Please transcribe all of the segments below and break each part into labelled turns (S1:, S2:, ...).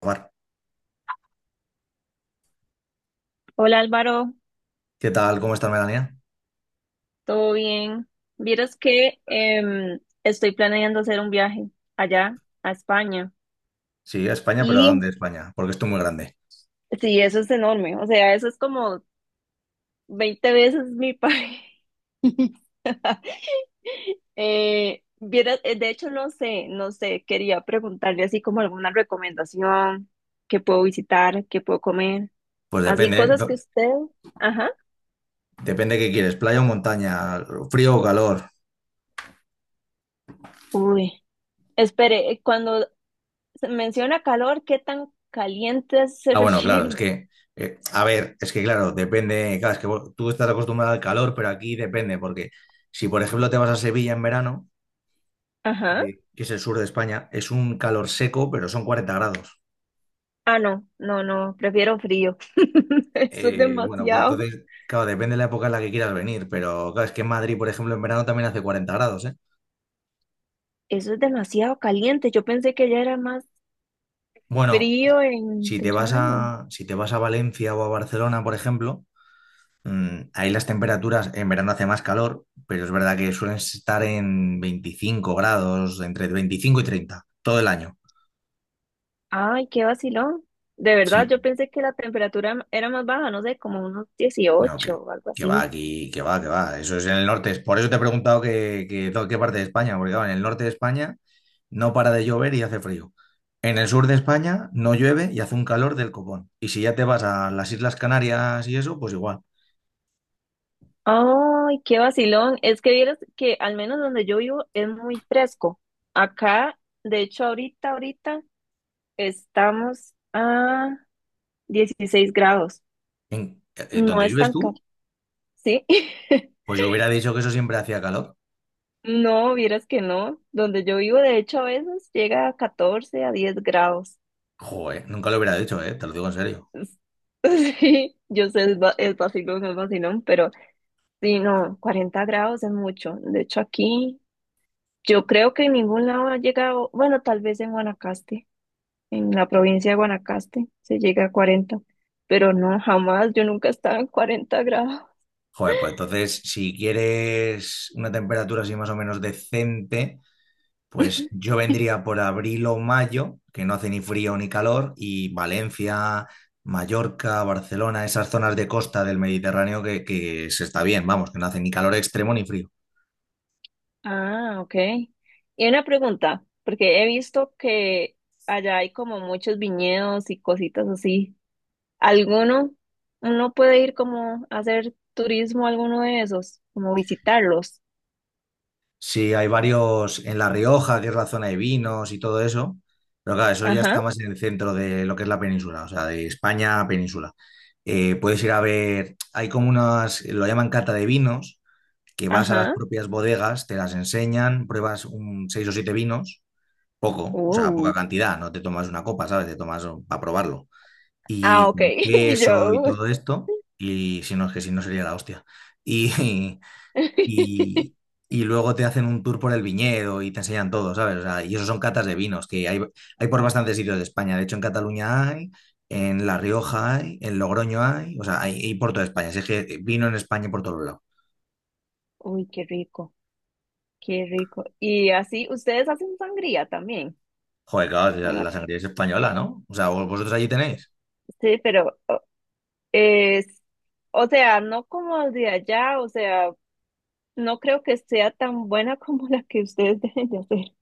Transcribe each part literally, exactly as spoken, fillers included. S1: Omar,
S2: Hola Álvaro,
S1: ¿qué tal? ¿Cómo estás, Melania?
S2: ¿todo bien? Vieras que em, estoy planeando hacer un viaje allá a España
S1: Sí, a España, pero ¿a
S2: y
S1: dónde España? Porque esto es muy grande.
S2: sí, eso es enorme, o sea, eso es como veinte veces mi país. Eh, vieras, eh, de hecho, no sé, no sé, quería preguntarle así como alguna recomendación, qué puedo visitar, qué puedo comer,
S1: Pues
S2: así
S1: depende, ¿eh?
S2: cosas que
S1: Do-
S2: usted, ajá.
S1: Depende qué quieres, playa o montaña, frío o calor.
S2: Uy, espere, eh, cuando se menciona calor, ¿qué tan caliente se
S1: Ah, bueno, claro, es
S2: refiere?
S1: que, eh, a ver, es que claro, depende, claro, es que vos- tú estás acostumbrado al calor, pero aquí depende, porque si por ejemplo te vas a Sevilla en verano,
S2: Ajá.
S1: eh, que es el sur de España, es un calor seco, pero son cuarenta grados.
S2: Ah, no, no, no, prefiero frío. Eso es
S1: Eh, bueno, pues
S2: demasiado,
S1: entonces, claro, depende de la época en la que quieras venir, pero claro, es que en Madrid, por ejemplo, en verano también hace cuarenta grados, ¿eh?
S2: eso es demasiado caliente. Yo pensé que ya era más
S1: Bueno,
S2: frío en
S1: si te vas
S2: verano.
S1: a, si te vas a Valencia o a Barcelona, por ejemplo, mm, ahí las temperaturas en verano hace más calor, pero es verdad que suelen estar en veinticinco grados, entre veinticinco y treinta, todo el año.
S2: Ay, qué vacilón. De
S1: Sí,
S2: verdad, yo pensé que la temperatura era más baja, no sé, como unos
S1: no, que,
S2: dieciocho o algo
S1: que va
S2: así.
S1: aquí, que va, que va. Eso es en el norte. Por eso te he preguntado que, que- to- qué parte de España, porque claro, en el norte de España no para de llover y hace frío. En el sur de España no llueve y hace un calor del copón. Y si ya te vas a las Islas Canarias y eso, pues igual.
S2: Ay, qué vacilón. Es que vieras que al menos donde yo vivo es muy fresco. Acá, de hecho, ahorita, ahorita estamos a dieciséis grados.
S1: En, eh,
S2: No
S1: ¿dónde
S2: es
S1: vives
S2: tan caro,
S1: tú?
S2: ¿sí?
S1: Pues yo hubiera dicho que eso siempre hacía calor.
S2: No, vieras que no. Donde yo vivo, de hecho, a veces llega a catorce a diez grados.
S1: Joder, nunca lo hubiera dicho, ¿eh? Te lo digo en serio.
S2: Es- Sí, yo sé, es, va- es vacilón, es vacilón, pero sí, no, cuarenta grados es mucho. De hecho, aquí yo creo que en ningún lado ha llegado, bueno, tal vez en Guanacaste, en la provincia de Guanacaste se llega a cuarenta, pero no, jamás, yo nunca estaba en cuarenta grados.
S1: Joder, pues entonces, si quieres una temperatura así más o menos decente, pues yo vendría por abril o mayo, que no hace ni frío ni calor, y Valencia, Mallorca, Barcelona, esas zonas de costa del Mediterráneo que, que se está bien, vamos, que no hace ni calor extremo ni frío.
S2: Ah, ok. Y una pregunta, porque he visto que allá hay como muchos viñedos y cositas así. ¿Alguno, uno puede ir como a hacer turismo a alguno de esos, como visitarlos?
S1: Sí, hay varios en La Rioja, que es la zona de vinos y todo eso. Pero claro, eso ya está
S2: Ajá,
S1: más en el centro de lo que es la península, o sea, de España a península. Eh, puedes ir a ver, hay como unas, lo llaman cata de vinos, que vas a las
S2: ajá.
S1: propias bodegas, te las enseñan, pruebas un seis o siete vinos, poco, o sea, poca
S2: Uh.
S1: cantidad, no te tomas una copa, ¿sabes? Te tomas para probarlo.
S2: Ah,
S1: Y
S2: ok.
S1: con
S2: Y yo.
S1: queso y
S2: uh.
S1: todo esto, y si no es que si no sería la hostia. Y, y, y luego te hacen un tour por el viñedo y te enseñan todo, ¿sabes? O sea, y eso son catas de vinos, que hay, hay por bastantes sitios de España. De hecho, en Cataluña hay, en La Rioja hay, en Logroño hay, o sea, hay, hay por toda España. Así es que vino en España por todos lados.
S2: Uy, qué rico, qué rico. Y así, ustedes hacen sangría también.
S1: Joder, claro, si la
S2: Bueno,
S1: la sangría es española, ¿no? O sea, vos- vosotros allí tenéis.
S2: sí, pero o- es, o sea, no como de allá, o sea. No creo que sea tan buena como la que ustedes deben de hacer.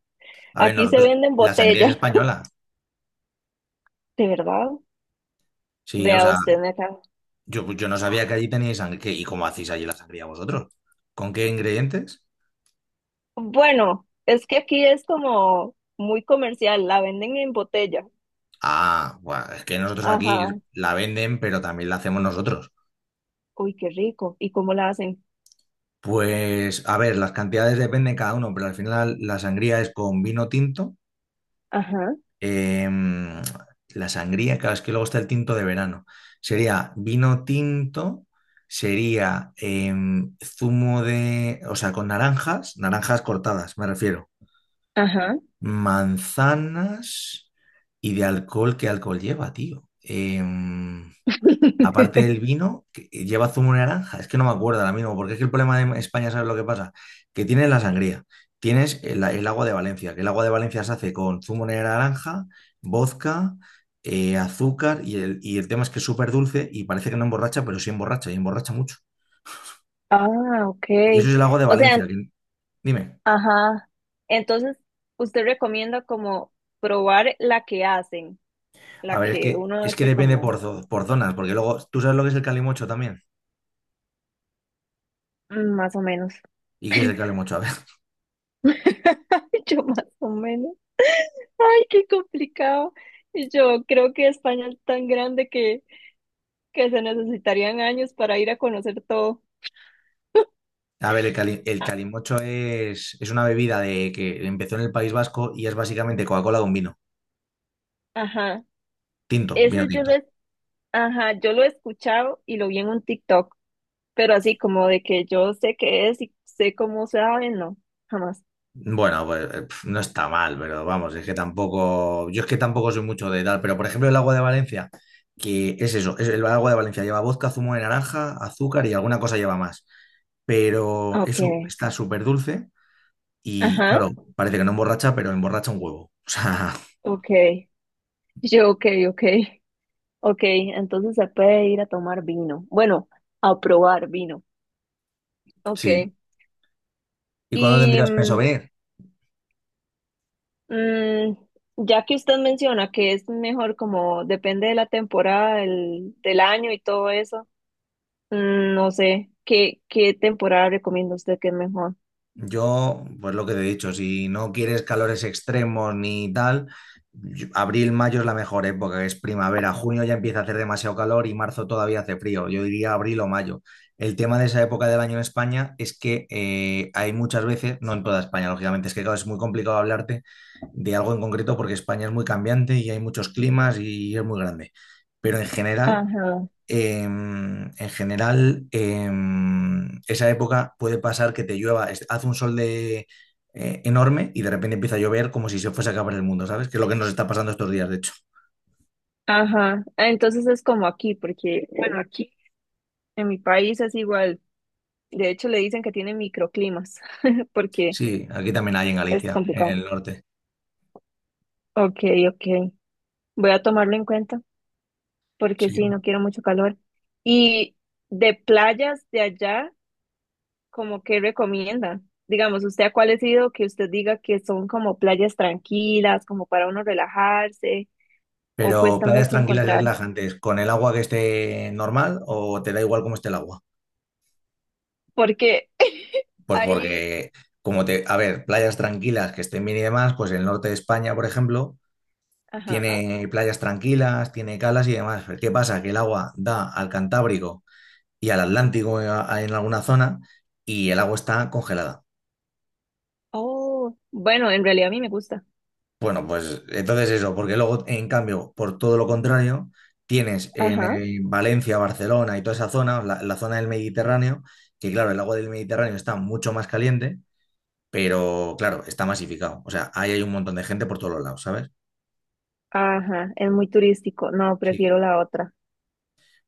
S1: A ver,
S2: Aquí se
S1: nosotros,
S2: venden
S1: la sangría es
S2: botellas,
S1: española.
S2: de verdad.
S1: Sí, o
S2: Vea
S1: sea,
S2: usted acá.
S1: yo, pues yo no sabía que allí teníais sangría. ¿Y cómo hacéis allí la sangría vosotros? ¿Con qué ingredientes?
S2: Bueno, es que aquí es como muy comercial, la venden en botella.
S1: Ah, buah, es que nosotros aquí
S2: Ajá.
S1: la venden, pero también la hacemos nosotros.
S2: Uy, qué rico. ¿Y cómo la hacen?
S1: Pues, a ver, las cantidades dependen cada uno, pero al final la sangría es con vino tinto.
S2: Ajá,
S1: em, la sangría, claro, es que luego está el tinto de verano. Sería vino tinto, sería em, zumo de, o sea, con naranjas, naranjas cortadas, me refiero.
S2: ajá.
S1: Manzanas y de alcohol, ¿qué alcohol lleva, tío? Em, Aparte del vino, que eh, lleva zumo de naranja. Es que no me acuerdo ahora mismo, porque es que el problema de España, ¿sabes lo que pasa? Que tienes la sangría, tienes el, el agua de Valencia, que el agua de Valencia se hace con zumo de naranja, vodka, eh, azúcar, y el, y el tema es que es súper dulce y parece que no emborracha, pero sí emborracha, y emborracha mucho.
S2: Ah, ok.
S1: Y eso es el agua de
S2: O sea,
S1: Valencia. que- Dime.
S2: ajá. Entonces, usted recomienda como probar la que hacen,
S1: A
S2: la
S1: ver, es
S2: que
S1: que,
S2: uno
S1: es que
S2: hace
S1: depende
S2: como
S1: por, zo- por zonas, porque luego, ¿tú sabes lo que es el calimocho también?
S2: mm, más o menos.
S1: ¿Y qué es el calimocho? A ver.
S2: Yo más o menos. Ay, qué complicado. Y yo creo que España es tan grande que, que se necesitarían años para ir a conocer todo.
S1: A ver, el, cali- el
S2: A-
S1: calimocho es, es una bebida de, que empezó en el País Vasco y es básicamente Coca-Cola con vino.
S2: Ajá.
S1: Tinto, vino
S2: Ese yo
S1: tinto.
S2: lo he, ajá, yo lo he escuchado y lo vi en un TikTok, pero así como de que yo sé qué es y sé cómo se sabe, no, jamás.
S1: Bueno, pues eh, pf, no está mal, pero vamos, es que tampoco. Yo es que tampoco soy mucho de tal, pero por ejemplo, el agua de Valencia, que es eso, es el agua de Valencia lleva vodka, zumo de naranja, azúcar y alguna cosa lleva más. Pero eso
S2: Okay.
S1: está súper dulce y,
S2: Ajá.
S1: claro, parece que no emborracha, pero emborracha un huevo. O sea,
S2: Okay. Yo, okay, okay. Okay, entonces se puede ir a tomar vino. Bueno, a probar vino.
S1: sí.
S2: Okay.
S1: ¿Y cuándo
S2: Y
S1: tendrías pensado
S2: mm,
S1: venir?
S2: Mm, ya que usted menciona que es mejor como depende de la temporada, del, del año y todo eso, mm, no sé, ¿qué, qué temporada recomienda usted que es mejor?
S1: Yo, pues lo que te he dicho, si no quieres calores extremos ni tal, yo- abril, mayo es la mejor época, es primavera, junio ya empieza a hacer demasiado calor y marzo todavía hace frío, yo diría abril o mayo. El tema de esa época del año en España es que eh, hay muchas veces, no en toda España, lógicamente, es que claro, es muy complicado hablarte de algo en concreto porque España es muy cambiante y hay muchos climas y es muy grande, pero en general
S2: Ajá,
S1: em, en general, em, esa época puede pasar que te llueva, es- hace un sol de, eh, enorme y de repente empieza a llover como si se fuese a acabar el mundo, ¿sabes? Que es lo que nos está pasando estos días, de hecho.
S2: ajá. Ah, entonces es como aquí, porque bueno, aquí en mi país es igual. De hecho, le dicen que tiene microclimas, porque
S1: Sí, aquí también hay en
S2: es
S1: Galicia, en
S2: complicado.
S1: el norte.
S2: Ok, ok. Voy a tomarlo en cuenta, porque
S1: Sí,
S2: sí, no quiero mucho calor. Y de playas de allá, ¿como que recomienda? Digamos, ¿usted a cuál ha sido que usted diga que son como playas tranquilas, como para uno relajarse, o
S1: pero
S2: cuesta
S1: playas
S2: mucho
S1: tranquilas y
S2: encontrar?
S1: relajantes, con el agua que esté normal o te da igual cómo esté el agua.
S2: Porque
S1: Pues
S2: ahí,
S1: porque, como te, a ver, playas tranquilas que estén bien y demás, pues en el norte de España, por ejemplo,
S2: ajá,
S1: tiene playas tranquilas, tiene calas y demás. ¿Qué pasa? Que el agua da al Cantábrico y al Atlántico en a- en alguna zona y el agua está congelada.
S2: oh, bueno, en realidad a mí me gusta.
S1: Bueno, pues entonces eso, porque luego, en cambio, por todo lo contrario, tienes en
S2: Ajá,
S1: eh, Valencia, Barcelona y toda esa zona, la, la zona del Mediterráneo, que claro, el agua del Mediterráneo está mucho más caliente, pero claro, está masificado. O sea, ahí hay un montón de gente por todos los lados, ¿sabes?
S2: ajá, es muy turístico. No,
S1: Sí.
S2: prefiero la otra,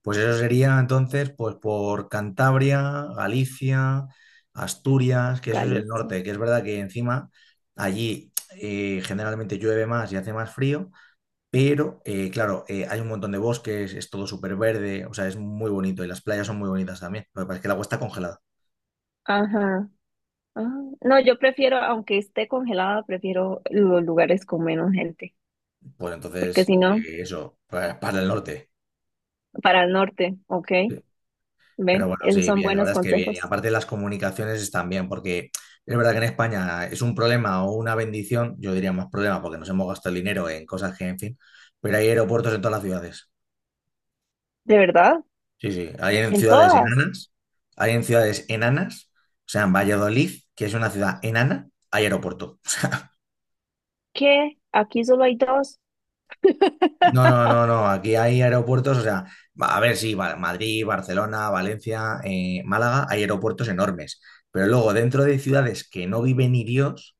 S1: Pues eso sería entonces, pues por Cantabria, Galicia, Asturias, que eso es el
S2: Galicia.
S1: norte, que es verdad que encima allí eh, generalmente llueve más y hace más frío, pero eh, claro, eh, hay un montón de bosques, es todo súper verde, o sea, es muy bonito y las playas son muy bonitas también. Lo que pasa es que el agua está congelada.
S2: Ajá. Ah, no, yo prefiero, aunque esté congelada, prefiero los lugares con menos gente,
S1: Pues
S2: porque
S1: entonces,
S2: si no,
S1: eh, eso, para, para el norte.
S2: para el norte, ¿ok?
S1: Pero
S2: ¿Ve?
S1: bueno,
S2: Esos
S1: sí,
S2: son
S1: bien, la
S2: buenos
S1: verdad es que bien. Y
S2: consejos.
S1: aparte las comunicaciones están bien, porque es verdad que en España es un problema o una bendición, yo diría más problema, porque nos hemos gastado el dinero en cosas que, en fin, pero hay aeropuertos en todas las ciudades.
S2: ¿De verdad?
S1: Sí, sí, hay en
S2: En
S1: ciudades
S2: todas.
S1: enanas, hay en ciudades enanas, o sea, en Valladolid, que es una ciudad enana, hay aeropuerto.
S2: ¿Qué? Aquí solo hay dos.
S1: No, no, no, no. Aquí hay aeropuertos, o sea, va- a ver, sí, va- Madrid, Barcelona, Valencia, eh, Málaga, hay aeropuertos enormes. Pero luego, dentro de ciudades que no vive ni Dios,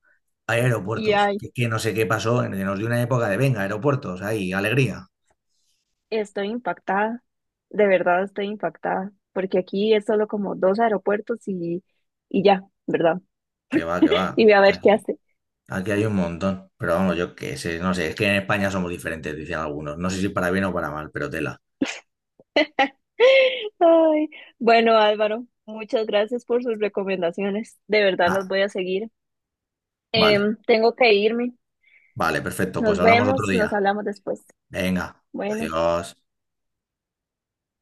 S1: hay
S2: Y
S1: aeropuertos.
S2: hay.
S1: Que, que no sé qué pasó, en- nos dio una época de, venga, aeropuertos, ahí, alegría.
S2: Estoy impactada. De verdad estoy impactada. Porque aquí es solo como dos aeropuertos y, y ya, ¿verdad?
S1: Que va, que va.
S2: Y voy a ver qué
S1: Aquí,
S2: hace.
S1: aquí hay un montón. Pero vamos, yo qué sé, no sé, es que en España somos diferentes, dicen algunos. No sé si para bien o para mal, pero tela.
S2: Ay, bueno, Álvaro, muchas gracias por sus recomendaciones. De verdad las
S1: Ah,
S2: voy a seguir.
S1: vale,
S2: Em, tengo que irme.
S1: vale, perfecto. Pues
S2: Nos
S1: hablamos otro
S2: vemos, nos
S1: día.
S2: hablamos después.
S1: Venga,
S2: Bueno.
S1: adiós.